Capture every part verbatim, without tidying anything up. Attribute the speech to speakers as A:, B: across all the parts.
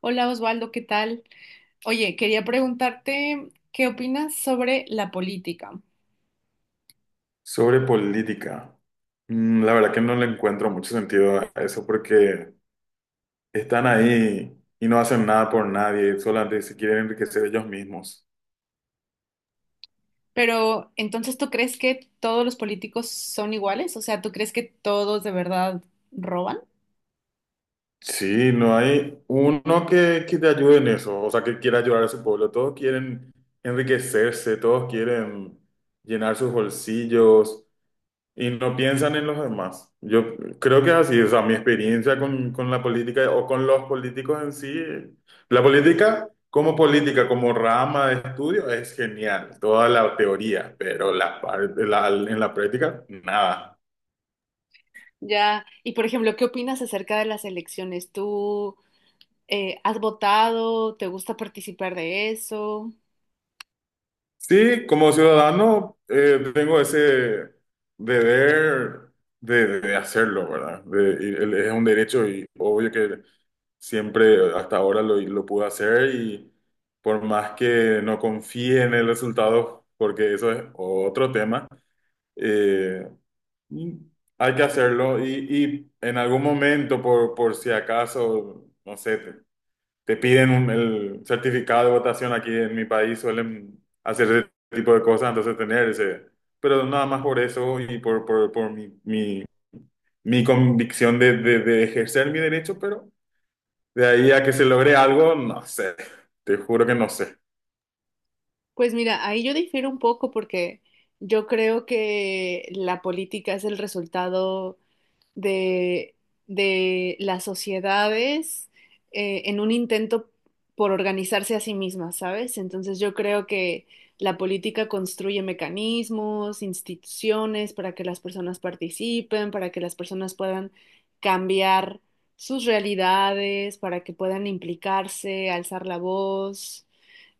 A: Hola Osvaldo, ¿qué tal? Oye, quería preguntarte qué opinas sobre la política.
B: Sobre política. Mm, La verdad que no le encuentro mucho sentido a eso porque están ahí y no hacen nada por nadie, solamente se quieren enriquecer ellos mismos.
A: Pero entonces, ¿tú crees que todos los políticos son iguales? O sea, ¿tú crees que todos de verdad roban?
B: Sí, no hay uno que, que te ayude en eso, o sea, que quiera ayudar a su pueblo. Todos quieren enriquecerse, todos quieren llenar sus bolsillos, y no piensan en los demás. Yo creo que es así, o sea, mi experiencia con, con la política o con los políticos en sí, eh, la política como política, como rama de estudio, es genial, toda la teoría, pero la, par- la- en la práctica, nada.
A: Ya. Y por ejemplo, ¿qué opinas acerca de las elecciones? ¿Tú eh, has votado? ¿Te gusta participar de eso?
B: Sí, como ciudadano eh, tengo ese deber de, de hacerlo, ¿verdad? De- y el- es un derecho y obvio que siempre hasta ahora lo, lo pude hacer y por más que no confíe en el resultado, porque eso es otro tema. eh, Hay que hacerlo y, y en algún momento, por, por si acaso, no sé, te piden un- el certificado de votación aquí en mi país, suelen hacer ese tipo de cosas, entonces tener ese, pero nada más por eso y por, por, por mi, mi, mi convicción de, de, de ejercer mi derecho, pero de ahí a que se logre algo, no sé, te juro que no sé.
A: Pues mira, ahí yo difiero un poco porque yo creo que la política es el resultado de, de las sociedades eh, en un intento por organizarse a sí mismas, ¿sabes? Entonces yo creo que la política construye mecanismos, instituciones para que las personas participen, para que las personas puedan cambiar sus realidades, para que puedan implicarse, alzar la voz.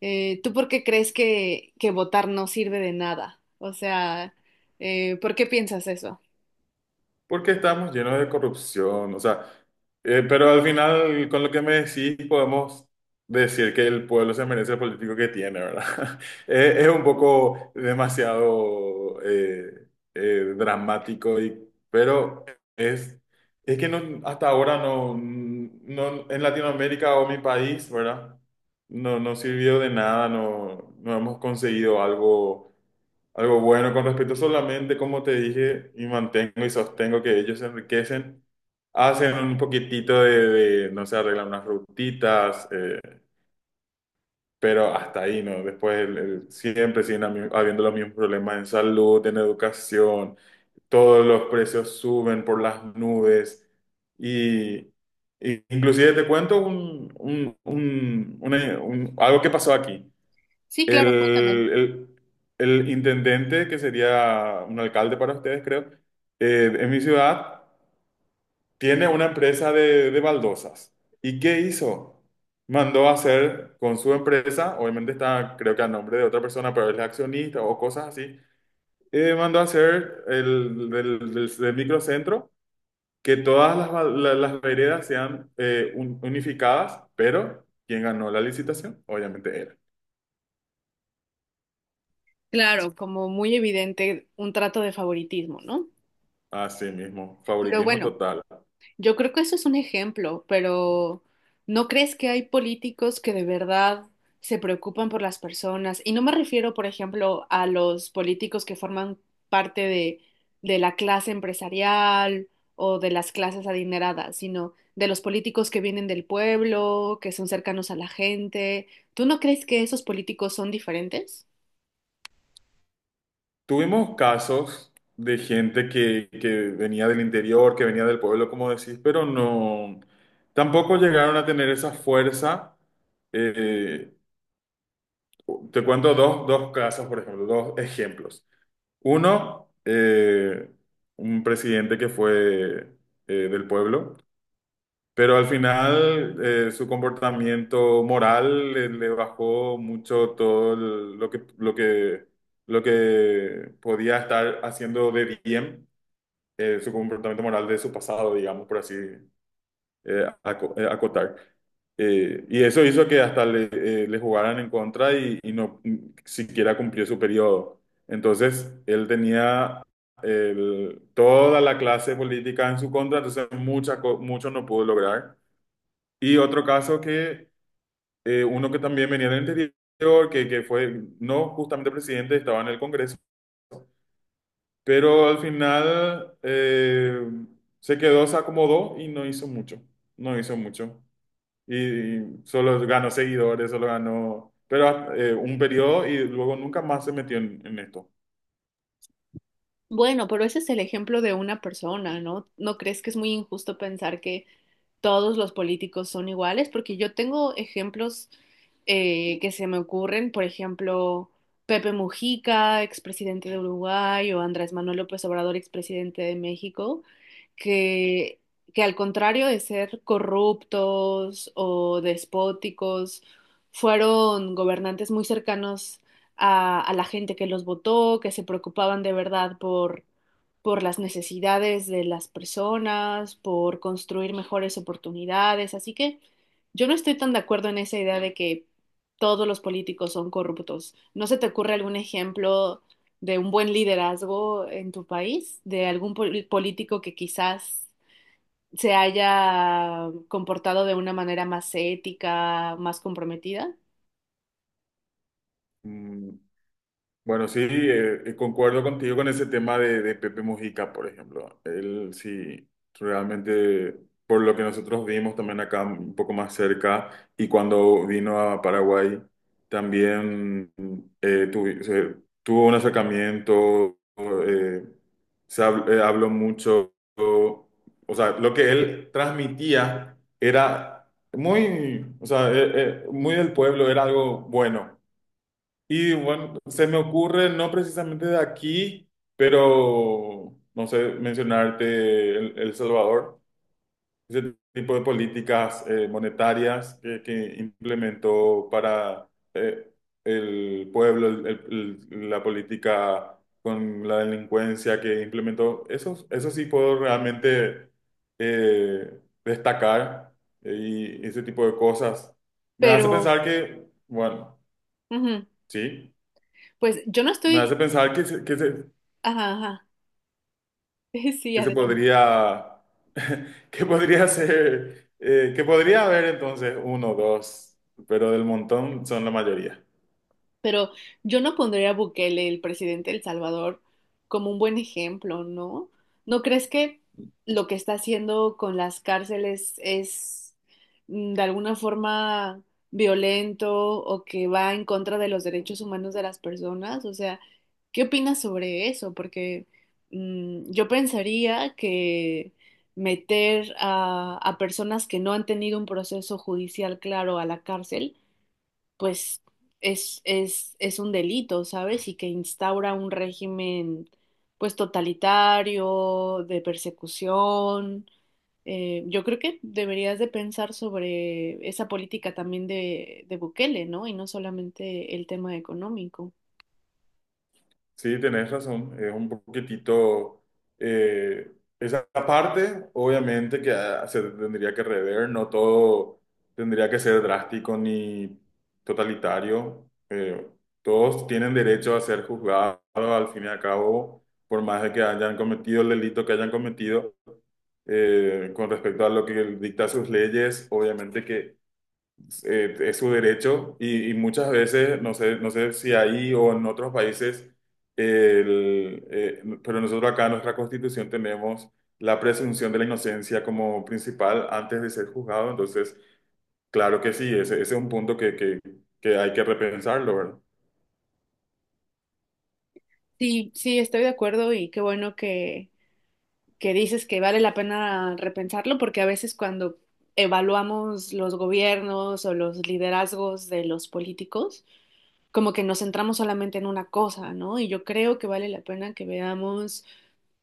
A: Eh, ¿tú por qué crees que, que votar no sirve de nada? O sea, eh, ¿por qué piensas eso?
B: Porque estamos llenos de corrupción, o sea, eh, pero al final, con lo que me decís, podemos decir que el pueblo se merece el político que tiene, ¿verdad? Eh, Es un poco demasiado eh, eh, dramático, y, pero es, es que no, hasta ahora no, no, en Latinoamérica o mi país, ¿verdad? No, no sirvió de nada, no, no hemos conseguido algo algo bueno con respecto solamente, como te dije, y mantengo y sostengo que ellos se enriquecen, hacen un poquitito de, de, no sé, arreglan unas rutitas, eh, pero hasta ahí, ¿no? Después el- el- siempre siguen ami- habiendo los mismos problemas en salud, en educación, todos los precios suben por las nubes y, y inclusive te cuento un, un- un- una- un- algo que pasó aquí.
A: Sí,
B: El,
A: claro, cuéntame.
B: el- el intendente, que sería un alcalde para ustedes, creo, eh, en mi ciudad, tiene una empresa de, de baldosas. ¿Y qué hizo? Mandó a hacer con su empresa, obviamente está, creo que a nombre de otra persona, pero él es accionista o cosas así, eh, mandó a hacer el, del, del- del microcentro, que todas las, bal- la- las veredas sean eh, un- unificadas, pero quien ganó la licitación, obviamente él.
A: Claro, como muy evidente un trato de favoritismo, ¿no?
B: Así mismo,
A: Pero
B: favoritismo
A: bueno,
B: total.
A: yo creo que eso es un ejemplo, pero ¿no crees que hay políticos que de verdad se preocupan por las personas? Y no me refiero, por ejemplo, a los políticos que forman parte de, de la clase empresarial o de las clases adineradas, sino de los políticos que vienen del pueblo, que son cercanos a la gente. ¿Tú no crees que esos políticos son diferentes?
B: Tuvimos casos de gente que, que venía del interior, que venía del pueblo, como decís, pero no, tampoco llegaron a tener esa fuerza. Eh, Te cuento dos, dos casos, por ejemplo, dos ejemplos. Uno, eh, un presidente que fue eh, del pueblo, pero al final eh, su comportamiento moral le, le bajó mucho todo el- lo que, lo que, lo que podía estar haciendo de bien. Eh, su comportamiento moral de su pasado, digamos, por así eh, aco- eh, acotar. Eh, y eso hizo que hasta le, eh, le jugaran en contra y, y no siquiera cumplió su periodo. Entonces, él tenía el- toda la clase política en su contra, entonces mucha, co- mucho no pudo lograr. Y otro caso que eh, uno que también venía del interior, que, que fue no justamente presidente, estaba en el Congreso, pero al final eh, se quedó, se acomodó y no hizo mucho, no hizo mucho. Y, y solo ganó seguidores, solo ganó, pero eh, un periodo y luego nunca más se metió en, en esto.
A: Bueno, pero ese es el ejemplo de una persona, ¿no? ¿No crees que es muy injusto pensar que todos los políticos son iguales, porque yo tengo ejemplos eh, que se me ocurren, por ejemplo, Pepe Mujica, expresidente de Uruguay, o Andrés Manuel López Obrador, expresidente de México, que, que al contrario de ser corruptos o despóticos, fueron gobernantes muy cercanos a, a la gente que los votó, que se preocupaban de verdad por por las necesidades de las personas, por construir mejores oportunidades. Así que yo no estoy tan de acuerdo en esa idea de que todos los políticos son corruptos. ¿No se te ocurre algún ejemplo de un buen liderazgo en tu país, de algún pol- político que quizás se haya comportado de una manera más ética, más comprometida?
B: Mm, Bueno, sí, eh, eh, concuerdo contigo con ese tema de, de Pepe Mujica, por ejemplo. Él sí, realmente, por lo que nosotros vimos también acá un poco más cerca, y cuando vino a Paraguay, también eh, tuvi- se- tuvo un acercamiento. Eh, se hab- eh, habló mucho, o sea, lo que él transmitía era muy, o sea, eh, eh, muy del pueblo, era algo bueno. Y bueno, se me ocurre, no precisamente de aquí, pero no sé, mencionarte El, El Salvador, ese tipo de políticas eh, monetarias que, que implementó para eh, el pueblo, el- el- el- la política con la delincuencia que implementó, eso, eso sí puedo realmente eh, destacar, eh, y ese tipo de cosas. Me hace
A: Pero,
B: pensar que, bueno,
A: ujú,
B: sí.
A: pues yo no
B: Me hace
A: estoy...
B: pensar que se, que se,
A: Ajá, ajá. Sí,
B: que se
A: adelante.
B: podría, que podría ser, eh, que podría haber entonces uno o dos, pero del montón son la mayoría.
A: Pero yo no pondría a Bukele, el presidente de El Salvador, como un buen ejemplo, ¿no? ¿No crees que lo que está haciendo con las cárceles es mm, de alguna forma violento o que va en contra de los derechos humanos de las personas? O sea, ¿qué opinas sobre eso? Porque mm, yo pensaría que meter a a personas que no han tenido un proceso judicial claro a la cárcel pues es, es, es un delito, ¿sabes? Y que instaura un régimen, pues totalitario, de persecución. Eh, yo creo que deberías de pensar sobre esa política también de, de Bukele, ¿no? Y no solamente el tema económico.
B: Sí, tenés razón, es un poquitito, eh, esa parte obviamente que ah, se tendría que rever, no todo tendría que ser drástico ni totalitario. Eh, todos tienen derecho a ser juzgados al fin y al cabo, por más de que hayan cometido el delito que hayan cometido. Eh, con respecto a lo que él dicta sus leyes, obviamente que eh, es su derecho y, y muchas veces, no sé, no sé si ahí o en otros países, el, eh, pero nosotros acá en nuestra Constitución tenemos la presunción de la inocencia como principal antes de ser juzgado, entonces, claro que sí, ese, ese es un punto que, que, que hay que repensarlo, ¿verdad?
A: Sí, sí, estoy de acuerdo y qué bueno que, que dices que vale la pena repensarlo porque a veces cuando evaluamos los gobiernos o los liderazgos de los políticos, como que nos centramos solamente en una cosa, ¿no? Y yo creo que vale la pena que veamos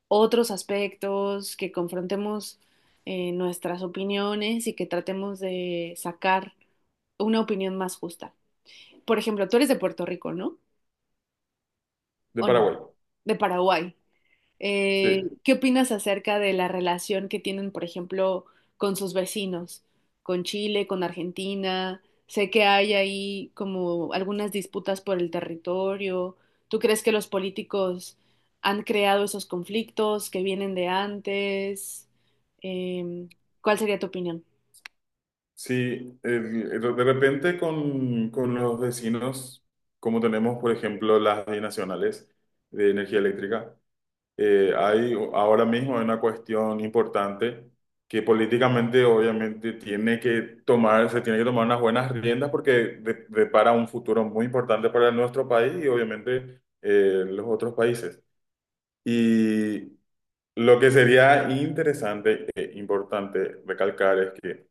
A: otros aspectos, que confrontemos eh, nuestras opiniones y que tratemos de sacar una opinión más justa. Por ejemplo, tú eres de Puerto Rico, ¿no?
B: De
A: ¿O no?
B: Paraguay,
A: De Paraguay. Eh,
B: sí.
A: ¿qué opinas acerca de la relación que tienen, por ejemplo, con sus vecinos, con Chile, con Argentina? Sé que hay ahí como algunas disputas por el territorio. ¿Tú crees que los políticos han creado esos conflictos que vienen de antes? Em, ¿cuál sería tu opinión?
B: Sí, el- el- de repente con, con los vecinos, como tenemos, por ejemplo, las binacionales de energía eléctrica. Eh, hay ahora mismo una cuestión importante que políticamente obviamente tiene que tomar, se tiene que tomar unas buenas riendas porque de- depara un futuro muy importante para nuestro país y obviamente eh, los otros países. Y lo que sería interesante e importante recalcar es que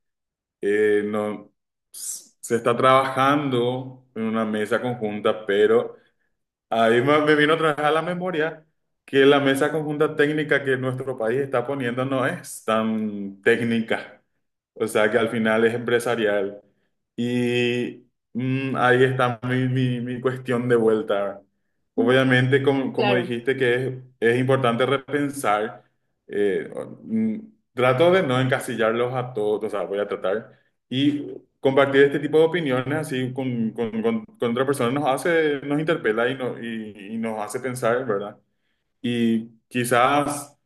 B: eh, no, se está trabajando en una mesa conjunta, pero ahí me me vino otra vez a la memoria que la mesa conjunta técnica que nuestro país está poniendo no es tan técnica, o sea que al final es empresarial. Y mm, ahí está mi, mi- mi cuestión de vuelta.
A: Mm.
B: Obviamente, como, como
A: Claro.
B: dijiste, que es, es importante repensar. eh, mm, Trato de no encasillarlos a todos, o sea, voy a tratar. Y compartir este tipo de opiniones así con, con- con- con otra persona nos hace, nos interpela y, no- y- y nos hace pensar, ¿verdad? Y quizás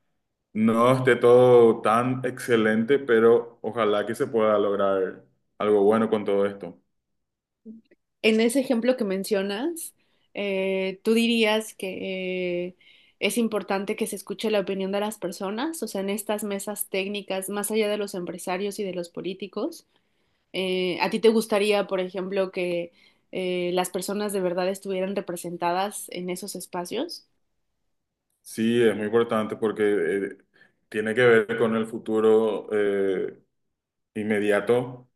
B: no esté todo tan excelente, pero ojalá que se pueda lograr algo bueno con todo esto.
A: En ese ejemplo que mencionas, eh, ¿tú dirías que eh, es importante que se escuche la opinión de las personas? O sea, en estas mesas técnicas, más allá de los empresarios y de los políticos, eh, ¿a ti te gustaría, por ejemplo, que eh, las personas de verdad estuvieran representadas en esos espacios?
B: Sí, es muy importante porque eh, tiene que ver con el futuro eh, inmediato,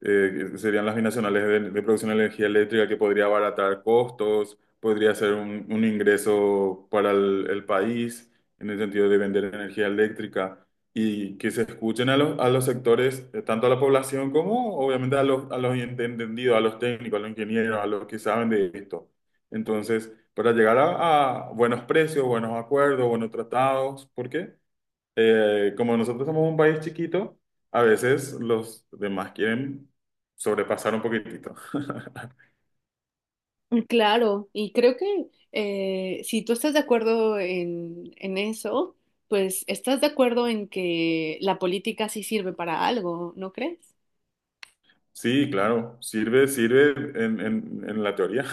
B: eh, que serían las binacionales de, de producción de energía eléctrica que podría abaratar costos, podría ser un, un ingreso para el, el país en el sentido de vender energía eléctrica y que se escuchen a los, a los sectores, eh, tanto a la población como obviamente a los, a los ent- entendidos, a los técnicos, a los ingenieros, a los que saben de esto. Entonces, para llegar a, a buenos precios, buenos acuerdos, buenos tratados, ¿por qué? Eh, como nosotros somos un país chiquito, a veces los demás quieren sobrepasar un poquitito.
A: Mm, claro, y creo que eh, si tú estás de acuerdo en, en eso, pues estás de acuerdo en que la política sí sirve para algo, ¿no crees?
B: Sí, claro, sirve, sirve en, en- en la teoría.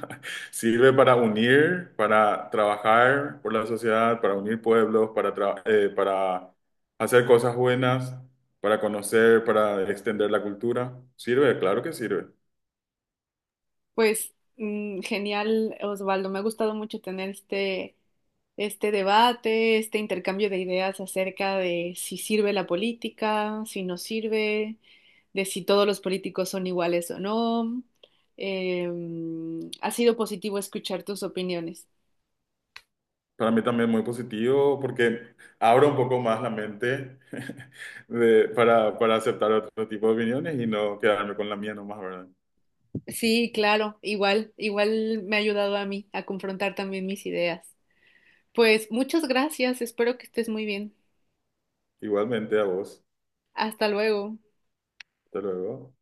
B: Sirve para unir, para trabajar por la sociedad, para unir pueblos, para, tra- eh, para hacer cosas buenas, para conocer, para extender la cultura. Sirve, claro que sirve.
A: Pues mm, genial, Osvaldo. Me ha gustado mucho tener este, este debate, este intercambio de ideas acerca de si sirve la política, si no sirve, de si todos los políticos son iguales o no. Em, ha sido positivo escuchar tus opiniones.
B: Para mí también muy positivo porque abre un poco más la mente de- para, para aceptar otro tipo de opiniones y no quedarme con la mía nomás, ¿verdad?
A: Sí, claro, igual, igual me ha ayudado a mí a confrontar también mis ideas. Pues muchas gracias, espero que estés muy bien.
B: Igualmente a vos.
A: Hasta luego.
B: Hasta luego.